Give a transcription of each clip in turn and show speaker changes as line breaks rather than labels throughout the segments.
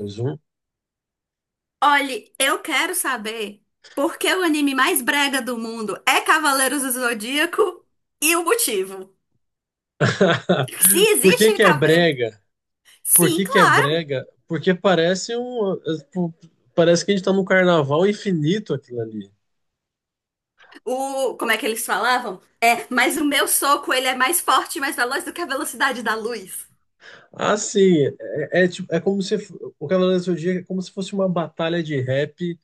Mais um.
Olhe, eu quero saber por que o anime mais brega do mundo é Cavaleiros do Zodíaco e o motivo. Se
Por que
existe.
que é brega? Por
Sim,
que que é
claro.
brega? Porque parece um, tipo, parece que a gente tá num carnaval infinito aquilo ali.
O, como é que eles falavam? É, mas o meu soco ele é mais forte e mais veloz do que a velocidade da luz.
Assim, é como se o Cavaleiro do Zodíaco é como se fosse uma batalha de rap,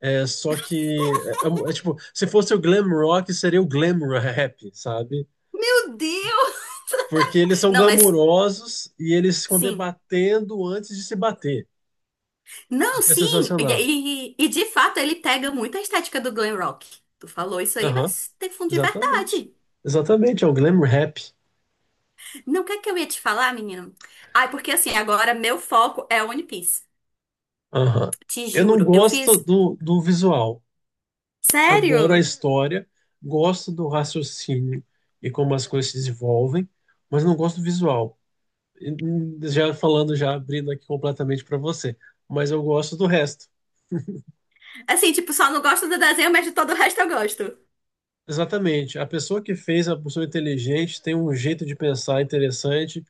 é só que se fosse o glam rock, seria o glam rap, sabe?
Meu Deus!
Porque eles são
Não, mas
glamurosos e eles ficam
sim.
debatendo antes de se bater, o
Não,
que é
sim. E,
sensacional.
de fato ele pega muito a estética do glam rock. Tu falou isso aí,
Aham,
mas tem fundo de
exatamente.
verdade.
Exatamente, é o glam rap.
Não, o que é que eu ia te falar, menino? Ai, porque assim, agora meu foco é One Piece.
Aham.
Te
Eu não
juro, eu fiz.
gosto do visual. Adoro a
Sério?
história, gosto do raciocínio e como as coisas se desenvolvem, mas não gosto do visual. E, já falando, já abrindo aqui completamente para você, mas eu gosto do resto.
Assim, tipo, só não gosto do desenho, mas de todo o resto eu gosto.
Exatamente. A pessoa que fez a pessoa inteligente tem um jeito de pensar interessante,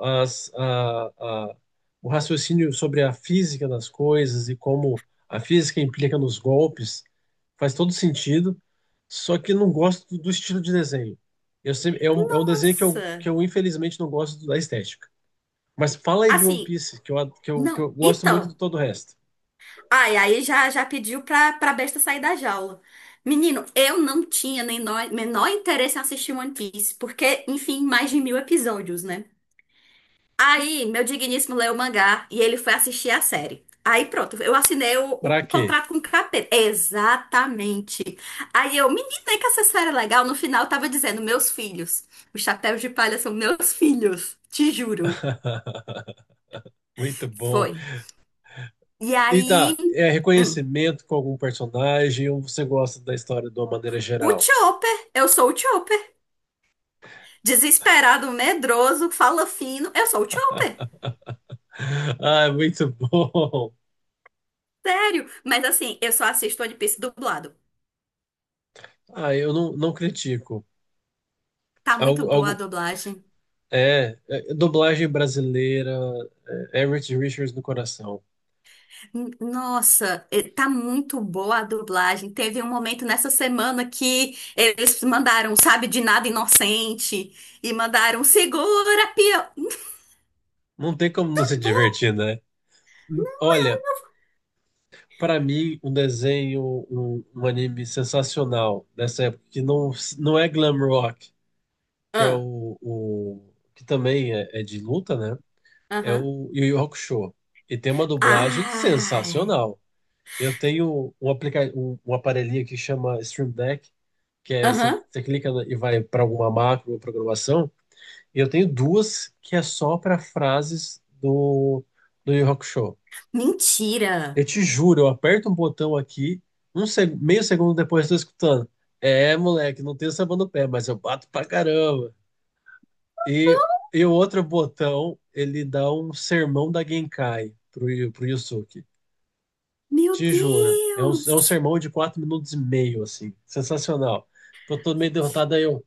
as- a- a- o raciocínio sobre a física das coisas e como a física implica nos golpes faz todo sentido, só que não gosto do estilo de desenho. É um desenho que eu, que
Nossa!
eu infelizmente não gosto da estética. Mas fala aí de One
Assim,
Piece, que eu, ad- que eu
não.
gosto muito de
Então.
todo o resto.
Ai, aí já, já pediu pra, pra besta sair da jaula. Menino, eu não tinha nem menor interesse em assistir One Piece, porque, enfim, mais de 1.000 episódios, né? Aí, meu digníssimo leu o mangá e ele foi assistir a série. Aí pronto, eu assinei o
Pra quê?
contrato com o capeta. Exatamente. Aí eu, menina, é que essa série é legal. No final eu tava dizendo, meus filhos. Os chapéus de palha são meus filhos. Te juro.
Muito bom.
Foi. E
E
aí,
tá, é
hum,
reconhecimento com algum personagem ou você gosta da história de uma maneira
o
geral?
Chopper. Eu sou o Chopper. Desesperado, medroso, fala fino. Eu sou o Chopper.
Ah, muito bom.
Sério. Mas assim, eu só assisto One Piece dublado.
Ah, eu não critico.
Tá muito
Algo,
boa a
algo,
dublagem.
dublagem brasileira, é, Everett Richards no coração.
Nossa, tá muito boa a dublagem. Teve um momento nessa semana que eles mandaram, sabe, de nada inocente e mandaram segura, pia.
Não tem como não se
Muito bom.
divertir, né? Olha, pra mim, um desenho, um anime sensacional dessa época, que não, não é glam rock, que é
Ah,
o que também é, é de luta, né? É
aham.
o Yu Yu Hakusho. E tem uma dublagem
Ai,
sensacional. Eu tenho um, aplica um, um aparelhinho que chama Stream Deck, que é você
aham.
você clica na- e vai para alguma macro ou programação. E eu tenho duas que é só para frases do Yu Yu Hakusho.
Mentira.
Eu te juro, eu aperto um botão aqui, um seg- meio segundo depois eu estou escutando. É, moleque, não tenho sabão no pé, mas eu bato pra caramba. E, e o outro botão, ele dá um sermão da Genkai pro Yusuke.
Meu
Te juro. É um
Deus.
sermão de 4 minutos e meio, assim. Sensacional. Tô todo meio derrotado, aí eu...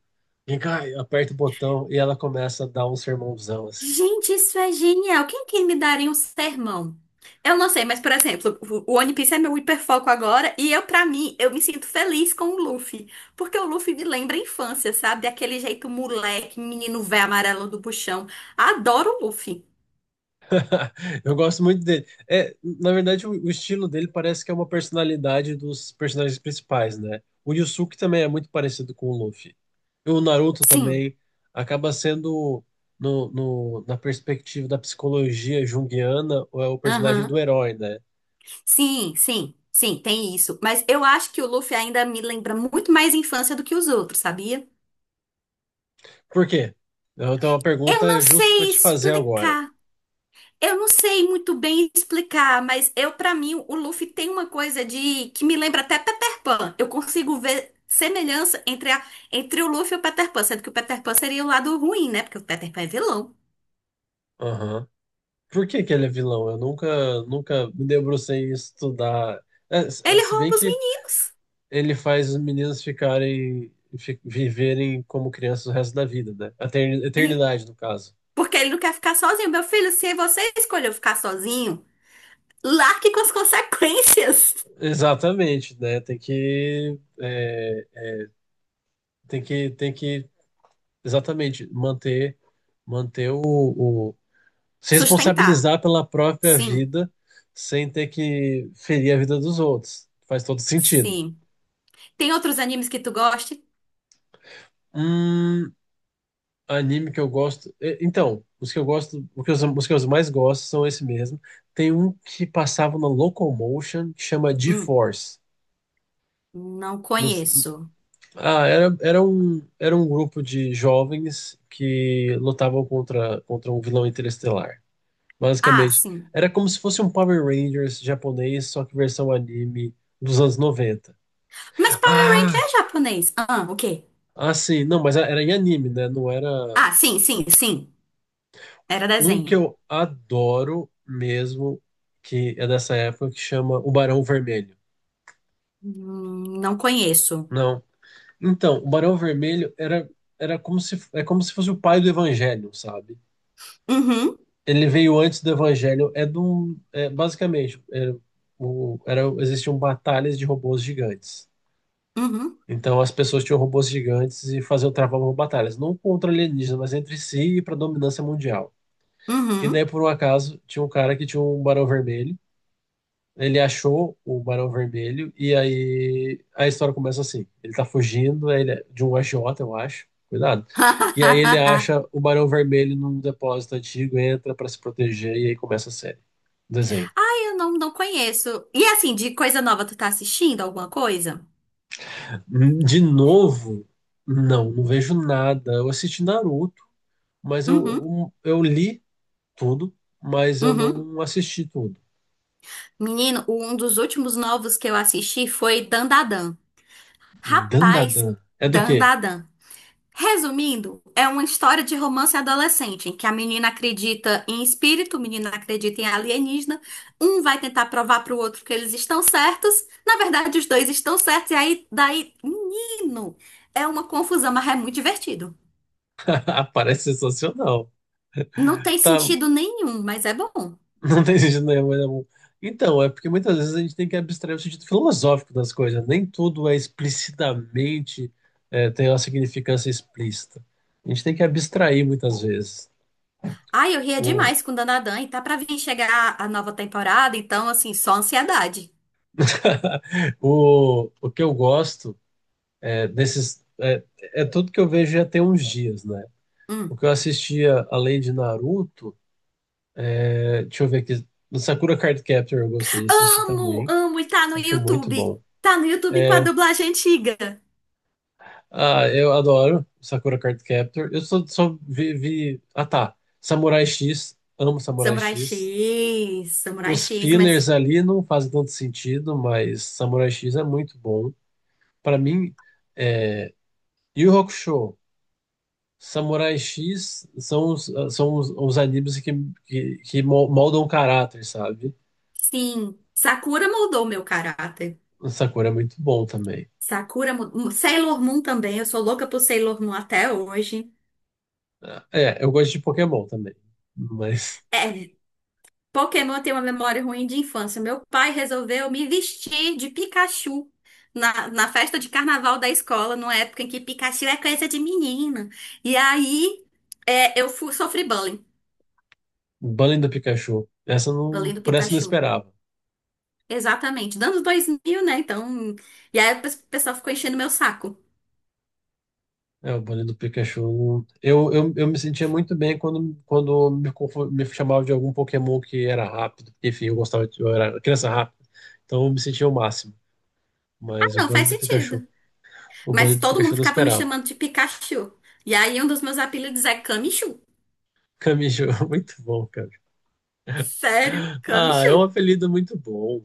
Genkai, aperta o botão e ela começa a dar um sermãozão, assim.
Gente, isso é genial. Quem que me daria um sermão? Eu não sei, mas, por exemplo, o One Piece é meu hiperfoco agora e eu, pra mim, eu me sinto feliz com o Luffy. Porque o Luffy me lembra a infância, sabe? Daquele jeito moleque, menino véio amarelo do buchão. Adoro o Luffy.
Eu gosto muito dele. É, na verdade, o estilo dele parece que é uma personalidade dos personagens principais, né? O Yusuke também é muito parecido com o Luffy. E o Naruto
Sim,
também acaba sendo, na perspectiva da psicologia junguiana, é o personagem do
aham.
herói, né?
Sim, sim, sim, tem isso. Mas eu acho que o Luffy ainda me lembra muito mais infância do que os outros, sabia?
Por quê? Eu tenho uma
Eu
pergunta
não
justa para
sei
te fazer agora.
explicar. Eu não sei muito bem explicar, mas eu, pra mim, o Luffy tem uma coisa de que me lembra até Peter Pan. Eu consigo ver semelhança entre, entre o Luffy e o Peter Pan, sendo que o Peter Pan seria o lado ruim, né? Porque o Peter Pan é vilão.
Aham. Por que que ele é vilão? Eu nunca me debrucei em estudar. É, se
Ele
se bem
rouba os
que
meninos.
ele faz os meninos ficarem viverem como crianças o resto da vida, né?
E
Eternidade, no caso.
porque ele não quer ficar sozinho. Meu filho, se você escolheu ficar sozinho, largue com as consequências.
Exatamente, né? Tem que é, tem que exatamente manter se
Sustentar.
responsabilizar pela própria
Sim,
vida sem ter que ferir a vida dos outros. Faz todo sentido.
sim. Tem outros animes que tu goste?
Hum, Anime que eu gosto. Então, os que eu mais gosto são esse mesmo. Tem um que passava na Locomotion que chama
Hum,
G-Force.
não
Não s-
conheço.
ah, era um grupo de jovens que lutavam contra um vilão interestelar.
Ah,
Basicamente,
sim.
era como se fosse um Power Rangers japonês, só que versão anime dos anos 90.
Mas Power Ranger
Ah,
é japonês. Ah, o quê?
ah, sim. Não, mas era em anime, né? Não era.
Ah, sim, sim, sim. Era
Um que
desenho.
eu adoro mesmo, que é dessa época, que chama O Barão Vermelho.
Não conheço.
Não. Então, o Barão Vermelho era, era como se, é como se fosse o pai do Evangelho, sabe?
Uhum,
Ele veio antes do Evangelho, basicamente, existiam batalhas de robôs gigantes.
uhum,
Então as pessoas tinham robôs gigantes e faziam travavam batalhas, não contra alienígenas, mas entre si e para dominância mundial. E daí,
uhum.
por um acaso, tinha um cara que tinha um Barão Vermelho. Ele achou o Barão Vermelho e aí a história começa assim. Ele tá fugindo é de um agiota, eu acho. Cuidado. E aí ele acha o Barão Vermelho num depósito antigo, entra pra se proteger e aí começa a série. Desenho.
Ai, eu não, não conheço. E assim, de coisa nova, tu tá assistindo alguma coisa?
De novo, não vejo nada. Eu assisti Naruto,
Uhum,
eu li tudo, mas eu
uhum.
não assisti tudo.
Menino, um dos últimos novos que eu assisti foi Dandadan. Rapaz,
Dandadan. É do quê?
Dandadan. Resumindo, é uma história de romance adolescente, em que a menina acredita em espírito, o menino acredita em alienígena, um vai tentar provar pro outro que eles estão certos, na verdade os dois estão certos, e aí daí, menino, é uma confusão, mas é muito divertido.
Parece sensacional.
Não tem
Tá,
sentido nenhum, mas é bom.
não tem sentido nenhum, mas é bom. Então, é porque muitas vezes a gente tem que abstrair o sentido filosófico das coisas. Nem tudo é explicitamente, é, tem uma significância explícita. A gente tem que abstrair muitas vezes.
Ai, eu ria
O,
demais com Danadan, e tá pra vir chegar a nova temporada, então assim, só ansiedade.
o que eu gosto é desses. É, é tudo que eu vejo já tem uns dias, né? O
Hum.
que eu assistia, além de Naruto, é, deixa eu ver aqui. No Sakura Card Captor eu gostei de assistir
Amo,
também.
amo, e tá no
Acho muito
YouTube.
bom.
Tá no YouTube com a dublagem antiga.
Ah, eu adoro Sakura Card Captor. Eu só vi, vi- ah, tá. Samurai X. Amo Samurai
Samurai
X.
X, Samurai
Os
X, mas
fillers ali não fazem tanto sentido, mas Samurai X é muito bom. Pra mim, Yu Yu Hakusho, Samurai X são os animes que moldam o caráter, sabe?
sim, Sakura moldou meu caráter.
Sakura é muito bom também.
Sakura, Sailor Moon também, eu sou louca por Sailor Moon até hoje.
Ah, é, eu gosto de Pokémon também, mas
É, Pokémon tem uma memória ruim de infância. Meu pai resolveu me vestir de Pikachu na, na festa de carnaval da escola, numa época em que Pikachu é coisa de menina. E aí, é, eu sofri bullying,
Banning do Pikachu, essa eu não,
bullying do
por essa eu não
Pikachu.
esperava.
Exatamente, dando 2000, né? Então, e aí o pessoal ficou enchendo meu saco.
É, o Bonnie do Pikachu. Eu me sentia muito bem quando me, confo- me chamava de algum Pokémon que era rápido. Enfim, eu gostava de, eu era criança rápida. Então eu me sentia o máximo. Mas o
Não
Bonnie
faz
do Pikachu.
sentido.
O Bonnie
Mas
do
todo
Pikachu
mundo
eu não
ficava me
esperava.
chamando de Pikachu. E aí um dos meus apelidos é Camichu.
Camijo, muito bom, cara.
Sério,
Ah, é um
Camichu.
apelido muito bom.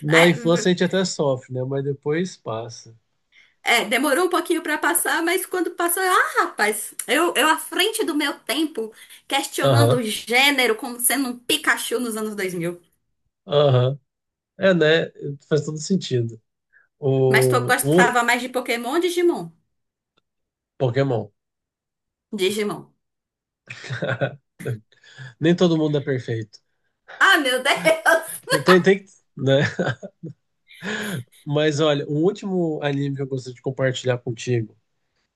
Na
É,
infância a gente até sofre, né? Mas depois passa.
é, demorou um pouquinho pra passar, mas quando passou, eu, ah, rapaz, eu à frente do meu tempo, questionando
Aham,
o gênero como sendo um Pikachu nos anos 2000.
aham. É, né? Faz todo sentido.
Mas tu
O, o
gostava mais de Pokémon ou Digimon?
Pokémon.
Digimon.
Nem todo mundo é perfeito.
Ah, meu Deus!
Tem, tem, né? Mas olha, o último anime que eu gostaria de compartilhar contigo,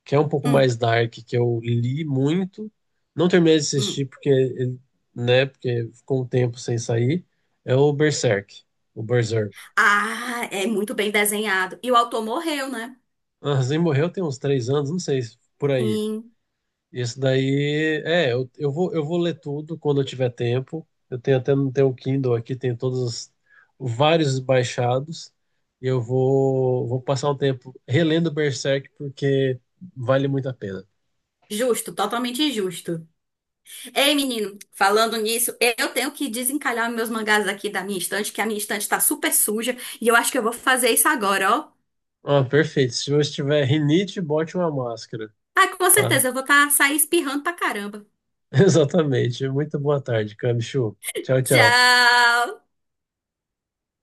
que é um pouco
Hum,
mais dark, que eu li muito, não terminei de
hum.
assistir porque, ele- né, porque ficou um tempo sem sair, é o Berserk, o Berserk.
Ah, é muito bem desenhado. E o autor morreu, né?
Ah, Zen morreu tem uns 3 anos, não sei, por aí.
Injusto,
Isso daí, é, eu vou ler tudo quando eu tiver tempo. Eu tenho até no teu Kindle aqui, tem todos os- vários baixados. Vou passar um tempo relendo Berserk porque vale muito a pena.
totalmente injusto. Ei, menino, falando nisso, eu tenho que desencalhar meus mangás aqui da minha estante, que a minha estante tá super suja, e eu acho que eu vou fazer isso agora, ó.
Ah, perfeito. Se você tiver rinite, bote uma máscara,
Ah, com
tá?
certeza, eu vou tá, sair espirrando pra caramba.
Exatamente. Muito boa tarde, Camichu. Tchau, tchau.
Tchau!